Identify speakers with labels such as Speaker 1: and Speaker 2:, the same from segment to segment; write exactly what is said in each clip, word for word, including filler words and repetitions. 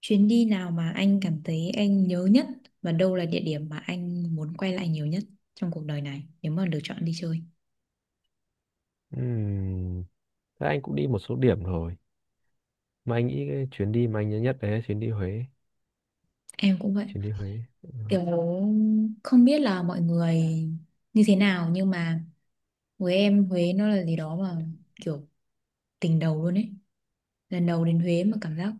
Speaker 1: Chuyến đi nào mà anh cảm thấy anh nhớ nhất và đâu là địa điểm mà anh muốn quay lại nhiều nhất trong cuộc đời này nếu mà được chọn đi chơi?
Speaker 2: Ừm, Thế anh cũng đi một số điểm rồi. Mà anh nghĩ cái chuyến đi mà anh nhớ nhất đấy là chuyến đi Huế.
Speaker 1: Em cũng vậy.
Speaker 2: Chuyến đi Huế. Ừ.
Speaker 1: Kiểu không biết là mọi người như thế nào nhưng mà với em Huế nó là gì đó mà kiểu tình đầu luôn ấy. Lần đầu đến Huế mà cảm giác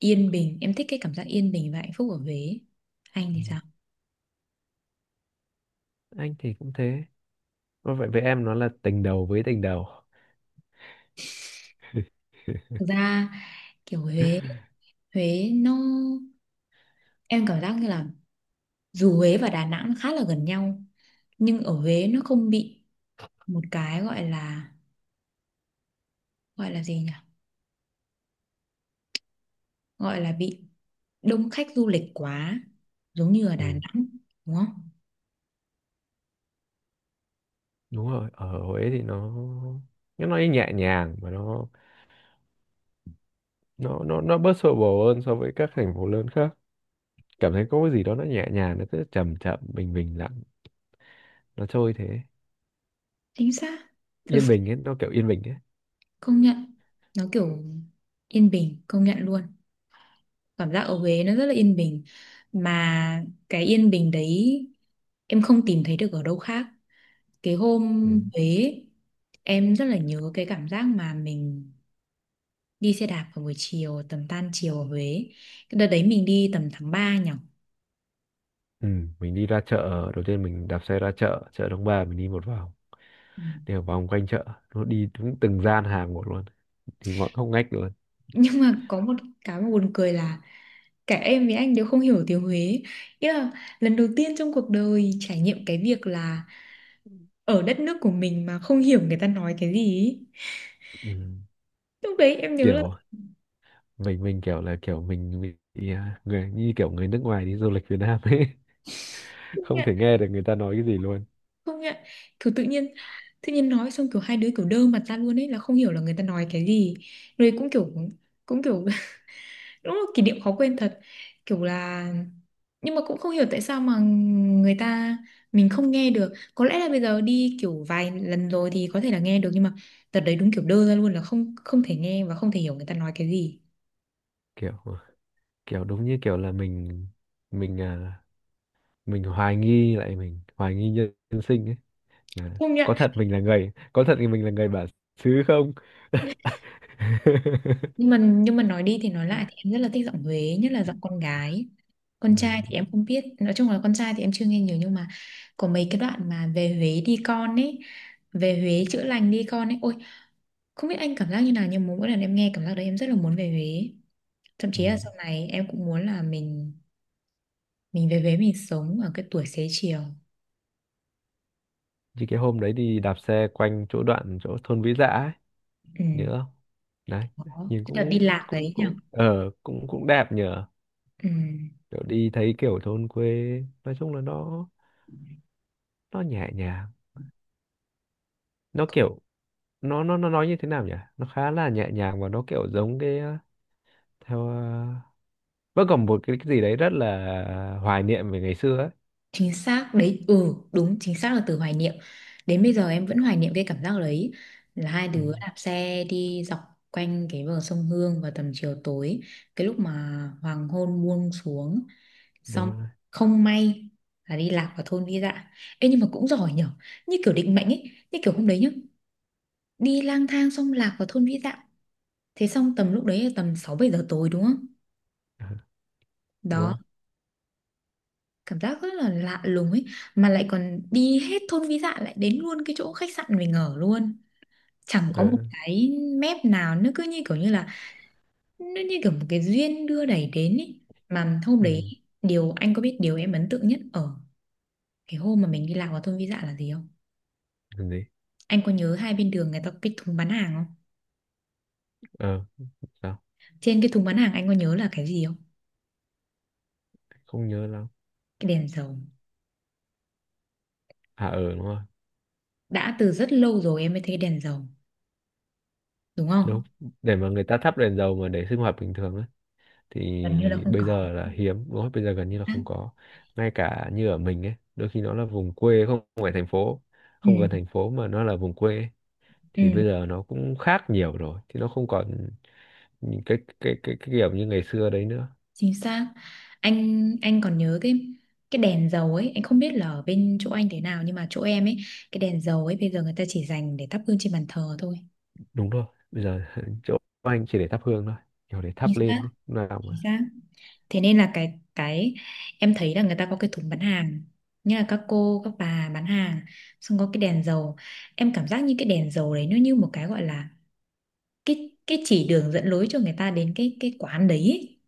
Speaker 1: yên bình, em thích cái cảm giác yên bình và hạnh phúc ở Huế. Anh
Speaker 2: Ừ.
Speaker 1: thì sao?
Speaker 2: Anh thì cũng thế. Có Vậy với em nó là tình đầu với tình đầu.
Speaker 1: Thực ra kiểu Huế, Huế nó em cảm giác như là dù Huế và Đà Nẵng khá là gần nhau nhưng ở Huế nó không bị một cái gọi là gọi là gì nhỉ gọi là bị đông khách du lịch quá giống như ở Đà
Speaker 2: Ừ,
Speaker 1: Nẵng, đúng không?
Speaker 2: đúng rồi, ở Huế thì nó nó nói nhẹ nhàng, mà nó nó nó nó bớt xô bồ hơn so với các thành phố lớn khác. Cảm thấy có cái gì đó nó nhẹ nhàng, nó cứ chậm chậm bình bình lặng, nó trôi thế.
Speaker 1: Chính xác. Thực
Speaker 2: Yên
Speaker 1: sự
Speaker 2: bình ấy, nó kiểu yên bình ấy.
Speaker 1: công nhận, nó kiểu yên bình, công nhận luôn. Cảm giác ở Huế nó rất là yên bình, mà cái yên bình đấy em không tìm thấy được ở đâu khác. Cái hôm
Speaker 2: Ừ.
Speaker 1: Huế, em rất là nhớ cái cảm giác mà mình đi xe đạp vào buổi chiều tầm tan chiều ở Huế. Cái đợt đấy mình đi tầm tháng ba nhỉ.
Speaker 2: Ừ, mình đi ra chợ đầu tiên, mình đạp xe ra chợ, chợ Đông Ba, mình đi một vòng,
Speaker 1: Ừ.
Speaker 2: đi một vòng quanh chợ, nó đi đúng từng gian hàng một luôn, thì mọi ngóc ngách luôn.
Speaker 1: Nhưng mà có một cái mà buồn cười là cả em với anh đều không hiểu tiếng Huế ý, là lần đầu tiên trong cuộc đời trải nghiệm cái việc là ở đất nước của mình mà không hiểu người ta nói cái gì ý.
Speaker 2: Ừ.
Speaker 1: Lúc đấy em nhớ là
Speaker 2: Kiểu mình mình kiểu là kiểu mình bị à, người như kiểu người nước ngoài đi du lịch Việt Nam ấy.
Speaker 1: không
Speaker 2: Không
Speaker 1: nhận,
Speaker 2: thể nghe được người ta nói cái gì luôn.
Speaker 1: không nhận, kiểu tự nhiên tự nhiên nói xong kiểu hai đứa kiểu đơ mặt ra luôn ấy, là không hiểu là người ta nói cái gì. Rồi cũng kiểu cũng kiểu đúng là kỷ niệm khó quên thật. Kiểu là nhưng mà cũng không hiểu tại sao mà người ta mình không nghe được. Có lẽ là bây giờ đi kiểu vài lần rồi thì có thể là nghe được, nhưng mà đợt đấy đúng kiểu đơ ra luôn, là không không thể nghe và không thể hiểu người ta nói cái gì.
Speaker 2: Kiểu kiểu đúng như kiểu là mình mình à, mình hoài nghi lại, mình hoài nghi nhân, nhân sinh ấy, là
Speaker 1: Không nhận.
Speaker 2: có thật mình là người có thật thì mình là người bản xứ không.
Speaker 1: nhưng mà nhưng mà nói đi thì nói lại thì em rất là thích giọng Huế, nhất là giọng con gái. Con
Speaker 2: Ừ.
Speaker 1: trai thì em không biết, nói chung là con trai thì em chưa nghe nhiều, nhưng mà có mấy cái đoạn mà "về Huế đi con" ấy, "về Huế chữa lành đi con" ấy, ôi không biết anh cảm giác như nào nhưng mà mỗi lần em nghe cảm giác đấy em rất là muốn về Huế. Thậm
Speaker 2: Ừ.
Speaker 1: chí là sau này em cũng muốn là mình mình về Huế, mình sống ở cái tuổi xế chiều.
Speaker 2: Như cái hôm đấy đi đạp xe quanh chỗ đoạn chỗ thôn Vĩ Dạ ấy,
Speaker 1: Ừ.
Speaker 2: nhớ không? Đấy,
Speaker 1: Đó,
Speaker 2: nhìn
Speaker 1: cái đợt đi
Speaker 2: cũng
Speaker 1: lạc
Speaker 2: cũng
Speaker 1: đấy nhỉ.
Speaker 2: cũng ờ cũng cũng đẹp nhờ.
Speaker 1: Ừ,
Speaker 2: Kiểu đi thấy kiểu thôn quê, nói chung là nó nó nhẹ nhàng. Nó kiểu nó nó nó nói như thế nào nhỉ? Nó khá là nhẹ nhàng, và nó kiểu giống cái ờ, theo ờ, vẫn còn một cái, cái gì đấy rất là hoài niệm về ngày xưa ấy.
Speaker 1: chính xác đấy. Ừ, đúng, chính xác là từ hoài niệm. Đến bây giờ em vẫn hoài niệm cái cảm giác đấy, là hai
Speaker 2: Ừ.
Speaker 1: đứa đạp xe đi dọc quanh cái bờ sông Hương vào tầm chiều tối, cái lúc mà hoàng hôn buông xuống,
Speaker 2: Đúng
Speaker 1: xong
Speaker 2: rồi.
Speaker 1: không may là đi lạc vào thôn Vi Dạ. Ê nhưng mà cũng giỏi nhở, như kiểu định mệnh ấy, như kiểu hôm đấy nhá, đi lang thang xong lạc vào thôn Vĩ Dạ. Thế xong tầm lúc đấy là tầm sáu bảy giờ tối đúng không?
Speaker 2: Ờ, Đúng rồi.
Speaker 1: Đó, cảm giác rất là lạ lùng ấy. Mà lại còn đi hết thôn Vĩ Dạ lại đến luôn cái chỗ khách sạn mình ở luôn. Chẳng có
Speaker 2: Ờ.
Speaker 1: một cái mép nào, nó cứ như kiểu như là nó như kiểu một cái duyên đưa đẩy đến ấy. Mà hôm đấy,
Speaker 2: Ừ.
Speaker 1: điều anh có biết điều em ấn tượng nhất ở cái hôm mà mình đi lạc vào thôn Vĩ Dạ là gì không?
Speaker 2: Làm gì?
Speaker 1: Anh có nhớ hai bên đường người ta có cái thùng bán hàng không?
Speaker 2: Ờ, sao?
Speaker 1: Trên cái thùng bán hàng anh có nhớ là cái gì không?
Speaker 2: Không nhớ lắm.
Speaker 1: Cái đèn dầu.
Speaker 2: À, ờ, đúng rồi.
Speaker 1: Đã từ rất lâu rồi em mới thấy cái đèn dầu, đúng không?
Speaker 2: Đúng, để mà người ta thắp đèn dầu mà để sinh hoạt bình thường á, thì
Speaker 1: Gần như là không
Speaker 2: bây
Speaker 1: có.
Speaker 2: giờ là hiếm, đúng không? Bây giờ gần như là không có, ngay cả như ở mình ấy, đôi khi nó là vùng quê không phải thành phố,
Speaker 1: Ừ,
Speaker 2: không gần thành phố mà nó là vùng quê ấy, thì
Speaker 1: ừ,
Speaker 2: bây giờ nó cũng khác nhiều rồi, thì nó không còn những cái cái cái, cái kiểu như ngày xưa đấy nữa.
Speaker 1: chính xác. Anh anh còn nhớ cái cái đèn dầu ấy, anh không biết là ở bên chỗ anh thế nào nhưng mà chỗ em ấy, cái đèn dầu ấy bây giờ người ta chỉ dành để thắp hương trên bàn thờ thôi.
Speaker 2: Đúng rồi, bây giờ chỗ anh chỉ để thắp hương thôi, kiểu để
Speaker 1: Chính
Speaker 2: thắp
Speaker 1: xác,
Speaker 2: lên ấy. Lúc nào
Speaker 1: chính
Speaker 2: mà
Speaker 1: xác. Thế nên là cái cái em thấy là người ta có cái thùng bán hàng, như là các cô, các bà bán hàng, xong có cái đèn dầu. Em cảm giác như cái đèn dầu đấy nó như một cái gọi là cái cái chỉ đường dẫn lối cho người ta đến cái cái quán đấy ấy,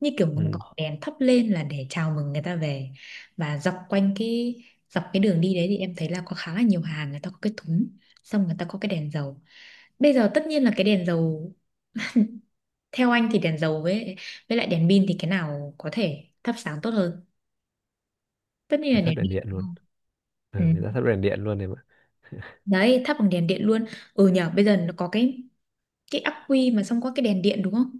Speaker 1: như kiểu một
Speaker 2: ừ, người
Speaker 1: ngọn đèn thắp lên là để chào mừng người ta về. Và dọc quanh cái dọc cái đường đi đấy thì em thấy là có khá là nhiều hàng người ta có cái thúng, xong người ta có cái đèn dầu. Bây giờ tất nhiên là cái đèn dầu, theo anh thì đèn dầu với với lại đèn pin thì cái nào có thể thắp sáng tốt hơn? Tất nhiên
Speaker 2: ta
Speaker 1: là
Speaker 2: thắp
Speaker 1: đèn
Speaker 2: đèn
Speaker 1: pin
Speaker 2: điện
Speaker 1: đúng
Speaker 2: luôn.
Speaker 1: không. Ừ.
Speaker 2: Ừ, người ta thắp đèn điện luôn này.
Speaker 1: Đấy, thắp bằng đèn điện luôn. Ừ nhờ, bây giờ nó có cái cái ắc quy mà xong có cái đèn điện đúng không?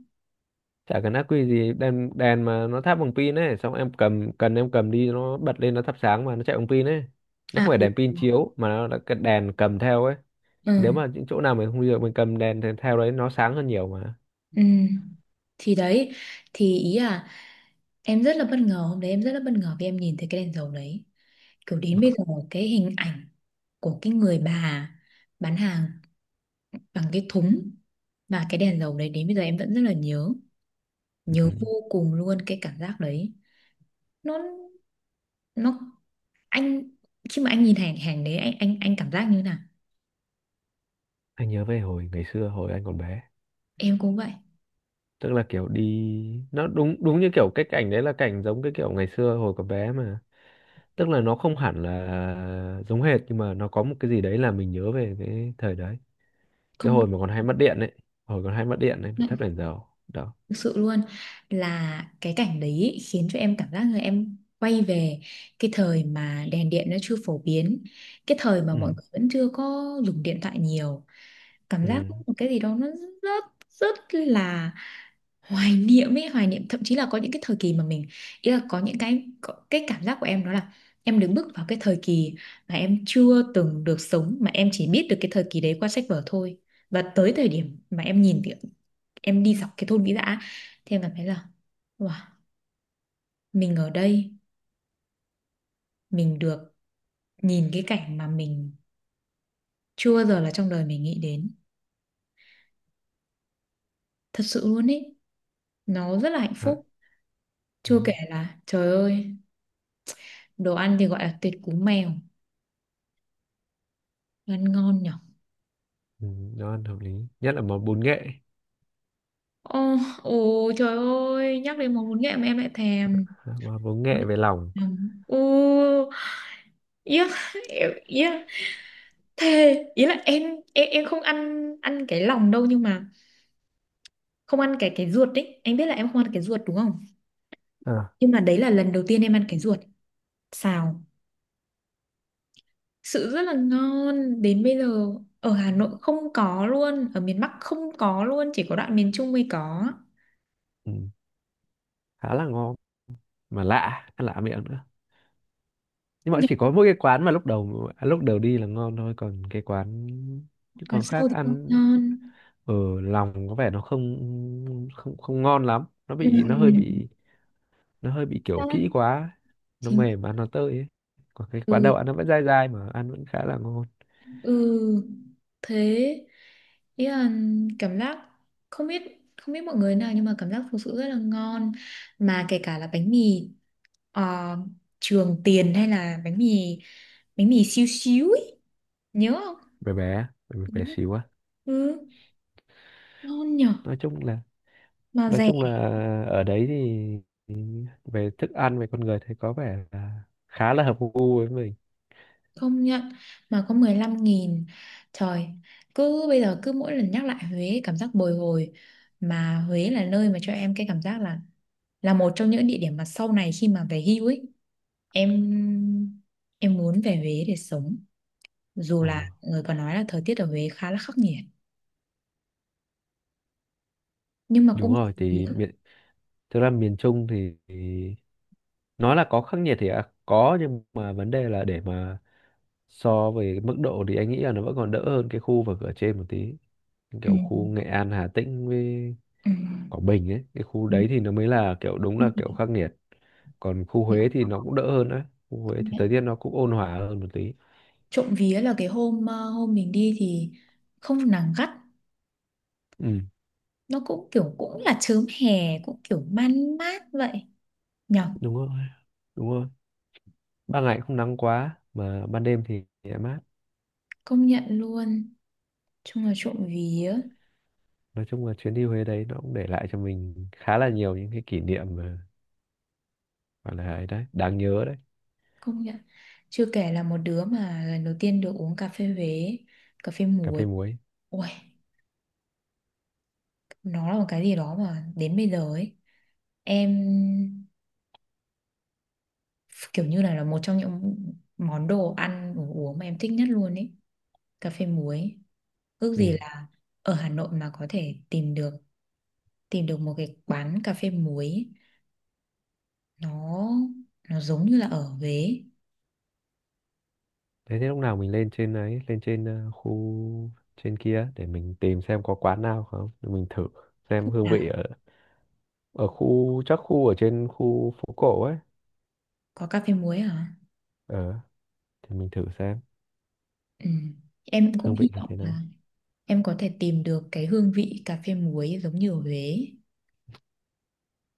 Speaker 2: Chả cần ác quy gì, đèn đèn mà nó thắp bằng pin ấy, xong em cầm cần em cầm đi nó bật lên, nó thắp sáng mà nó chạy bằng pin ấy. Nó không
Speaker 1: À
Speaker 2: phải
Speaker 1: ừ.
Speaker 2: đèn pin chiếu, mà nó là cái đèn cầm theo ấy.
Speaker 1: Ừ.
Speaker 2: Nếu mà những chỗ nào mình không đi được, mình cầm đèn thế- theo đấy, nó sáng hơn nhiều mà.
Speaker 1: Ừ. Thì đấy, thì ý là em rất là bất ngờ, hôm đấy em rất là bất ngờ vì em nhìn thấy cái đèn dầu đấy. Kiểu đến bây giờ cái hình ảnh của cái người bà bán hàng bằng cái thúng và cái đèn dầu đấy, đến bây giờ em vẫn rất là nhớ,
Speaker 2: Ừ.
Speaker 1: nhớ vô cùng luôn cái cảm giác đấy. Nó nó anh khi mà anh nhìn hàng hàng đấy anh anh anh cảm giác như thế nào?
Speaker 2: Anh nhớ về hồi ngày xưa, hồi anh còn bé,
Speaker 1: Em cũng vậy.
Speaker 2: tức là kiểu đi, nó đúng đúng như kiểu cái cảnh đấy là cảnh giống cái kiểu ngày xưa hồi còn bé mà, tức là nó không hẳn là giống hệt, nhưng mà nó có một cái gì đấy là mình nhớ về cái thời đấy, cái
Speaker 1: Không,
Speaker 2: hồi mà còn hay mất điện ấy, hồi còn hay mất điện ấy phải thắp đèn dầu đó.
Speaker 1: thực sự luôn là cái cảnh đấy ý, khiến cho em cảm giác là em quay về cái thời mà đèn điện nó chưa phổ biến, cái thời mà
Speaker 2: Ừ.
Speaker 1: mọi người vẫn chưa có dùng điện thoại nhiều. Cảm
Speaker 2: Ừ.
Speaker 1: giác có một cái gì đó nó rất rất là hoài niệm ấy, hoài niệm thậm chí là có những cái thời kỳ mà mình, ý là có những cái có, cái cảm giác của em đó là em đứng bước vào cái thời kỳ mà em chưa từng được sống, mà em chỉ biết được cái thời kỳ đấy qua sách vở thôi. Và tới thời điểm mà em nhìn thì em đi dọc cái thôn Vĩ Dạ, thì em cảm thấy là wow, mình ở đây mình được nhìn cái cảnh mà mình chưa bao giờ là trong đời mình nghĩ đến, thật sự luôn ấy, nó rất là hạnh
Speaker 2: Đó,
Speaker 1: phúc. Chưa kể
Speaker 2: đúng.
Speaker 1: là trời ơi, đồ ăn thì gọi là tuyệt cú mèo, ăn ngon nhỉ.
Speaker 2: Ừ, nó ăn hợp lý, nhất là món bún nghệ.
Speaker 1: Ồ, ồ trời ơi, nhắc đến món bún nghệ mà em lại thèm.
Speaker 2: Món bún nghệ về lòng.
Speaker 1: Ồ, yeah, yeah, thề, ý là em em em không ăn ăn cái lòng đâu, nhưng mà không ăn cái cái ruột đấy. Anh biết là em không ăn cái ruột đúng không?
Speaker 2: À.
Speaker 1: Nhưng mà đấy là lần đầu tiên em ăn cái ruột. Xào, sự rất là ngon. Đến bây giờ ở Hà Nội không có luôn, ở miền Bắc không có luôn, chỉ có đoạn miền Trung mới có.
Speaker 2: Ừ. Khá là ngon, mà lạ, ăn lạ miệng nữa, nhưng mà
Speaker 1: Nhưng
Speaker 2: chỉ có mỗi cái quán mà lúc đầu à, lúc đầu đi là ngon thôi, còn cái quán cái
Speaker 1: còn
Speaker 2: quán khác
Speaker 1: sau thì không
Speaker 2: ăn
Speaker 1: ngon.
Speaker 2: ở lòng có vẻ nó không không không ngon lắm, nó bị, nó hơi
Speaker 1: Ừ.
Speaker 2: bị nó hơi bị kiểu kỹ quá, nó
Speaker 1: Chính
Speaker 2: mềm,
Speaker 1: xác.
Speaker 2: ăn nó tơi ấy, còn cái quán
Speaker 1: Ừ.
Speaker 2: đậu ăn nó vẫn dai dai, mà ăn vẫn khá là ngon.
Speaker 1: Ừ, thế ý là cảm giác không biết không biết mọi người nào, nhưng mà cảm giác thực sự rất là ngon, mà kể cả là bánh mì ờ, Trường Tiền, hay là bánh mì bánh mì xíu xíu ấy, nhớ không?
Speaker 2: bé bé bé,
Speaker 1: Ừ,
Speaker 2: bé xíu á.
Speaker 1: ừ, ngon nhở,
Speaker 2: nói chung là
Speaker 1: mà
Speaker 2: nói
Speaker 1: rẻ.
Speaker 2: chung là ở đấy thì thì về thức ăn, về con người thấy có vẻ là khá là hợp gu với mình.
Speaker 1: Không nhận, mà có mười lăm nghìn, trời. Cứ bây giờ cứ mỗi lần nhắc lại Huế cảm giác bồi hồi. Mà Huế là nơi mà cho em cái cảm giác là là một trong những địa điểm mà sau này khi mà về hưu ấy, em em muốn về Huế để sống, dù
Speaker 2: Ờ,
Speaker 1: là người còn nói là thời tiết ở Huế khá là khắc nghiệt, nhưng mà
Speaker 2: đúng
Speaker 1: cũng
Speaker 2: rồi
Speaker 1: trộm vía.
Speaker 2: thì miền thực ra miền Trung thì, thì nói là có khắc nghiệt thì à, có, nhưng mà vấn đề là để mà so về mức độ thì anh nghĩ là nó vẫn còn đỡ hơn cái khu vực ở trên một tí,
Speaker 1: Ừ.
Speaker 2: kiểu khu Nghệ An, Hà Tĩnh với
Speaker 1: Ừ.
Speaker 2: Quảng Bình ấy, cái khu
Speaker 1: Ừ.
Speaker 2: đấy thì nó mới là kiểu đúng là kiểu
Speaker 1: Công
Speaker 2: khắc nghiệt. Còn khu Huế thì nó cũng đỡ hơn đấy, khu Huế
Speaker 1: công
Speaker 2: thì thời
Speaker 1: nhận.
Speaker 2: tiết nó cũng ôn hòa hơn một tí.
Speaker 1: Trộm vía là cái hôm ờ, hôm mình đi thì không nắng gắt,
Speaker 2: Ừ,
Speaker 1: nó cũng kiểu cũng là chớm hè, cũng kiểu man mát vậy nhở.
Speaker 2: đúng rồi đúng rồi ban ngày không nắng quá, mà ban đêm thì lại mát.
Speaker 1: Công nhận luôn. Chung là trộm vía.
Speaker 2: Nói chung là chuyến đi Huế đấy nó cũng để lại cho mình khá là nhiều những cái kỷ niệm mà gọi là ấy đấy, đáng nhớ đấy.
Speaker 1: Công nhận. Chưa kể là một đứa mà lần đầu tiên được uống cà phê Huế, cà phê
Speaker 2: Cà phê
Speaker 1: muối.
Speaker 2: muối.
Speaker 1: Ôi, nó là một cái gì đó mà đến bây giờ ấy, em kiểu như là là một trong những món đồ ăn đồ uống mà em thích nhất luôn ấy, cà phê muối. Ước gì
Speaker 2: Ừ.
Speaker 1: là ở Hà Nội mà có thể tìm được tìm được một cái quán cà phê muối ấy. nó nó giống như là ở Huế.
Speaker 2: thế thế lúc nào mình lên trên ấy, lên trên ờ, khu, trên kia để mình tìm xem có quán nào không, để mình thử xem hương
Speaker 1: À,
Speaker 2: vị ở ở khu, chắc khu ở trên khu phố cổ ấy.
Speaker 1: có cà phê muối hả?
Speaker 2: Ờ, thì mình thử xem
Speaker 1: Ừ. Em cũng
Speaker 2: hương vị
Speaker 1: hy
Speaker 2: là
Speaker 1: vọng
Speaker 2: thế nào.
Speaker 1: là em có thể tìm được cái hương vị cà phê muối giống như ở Huế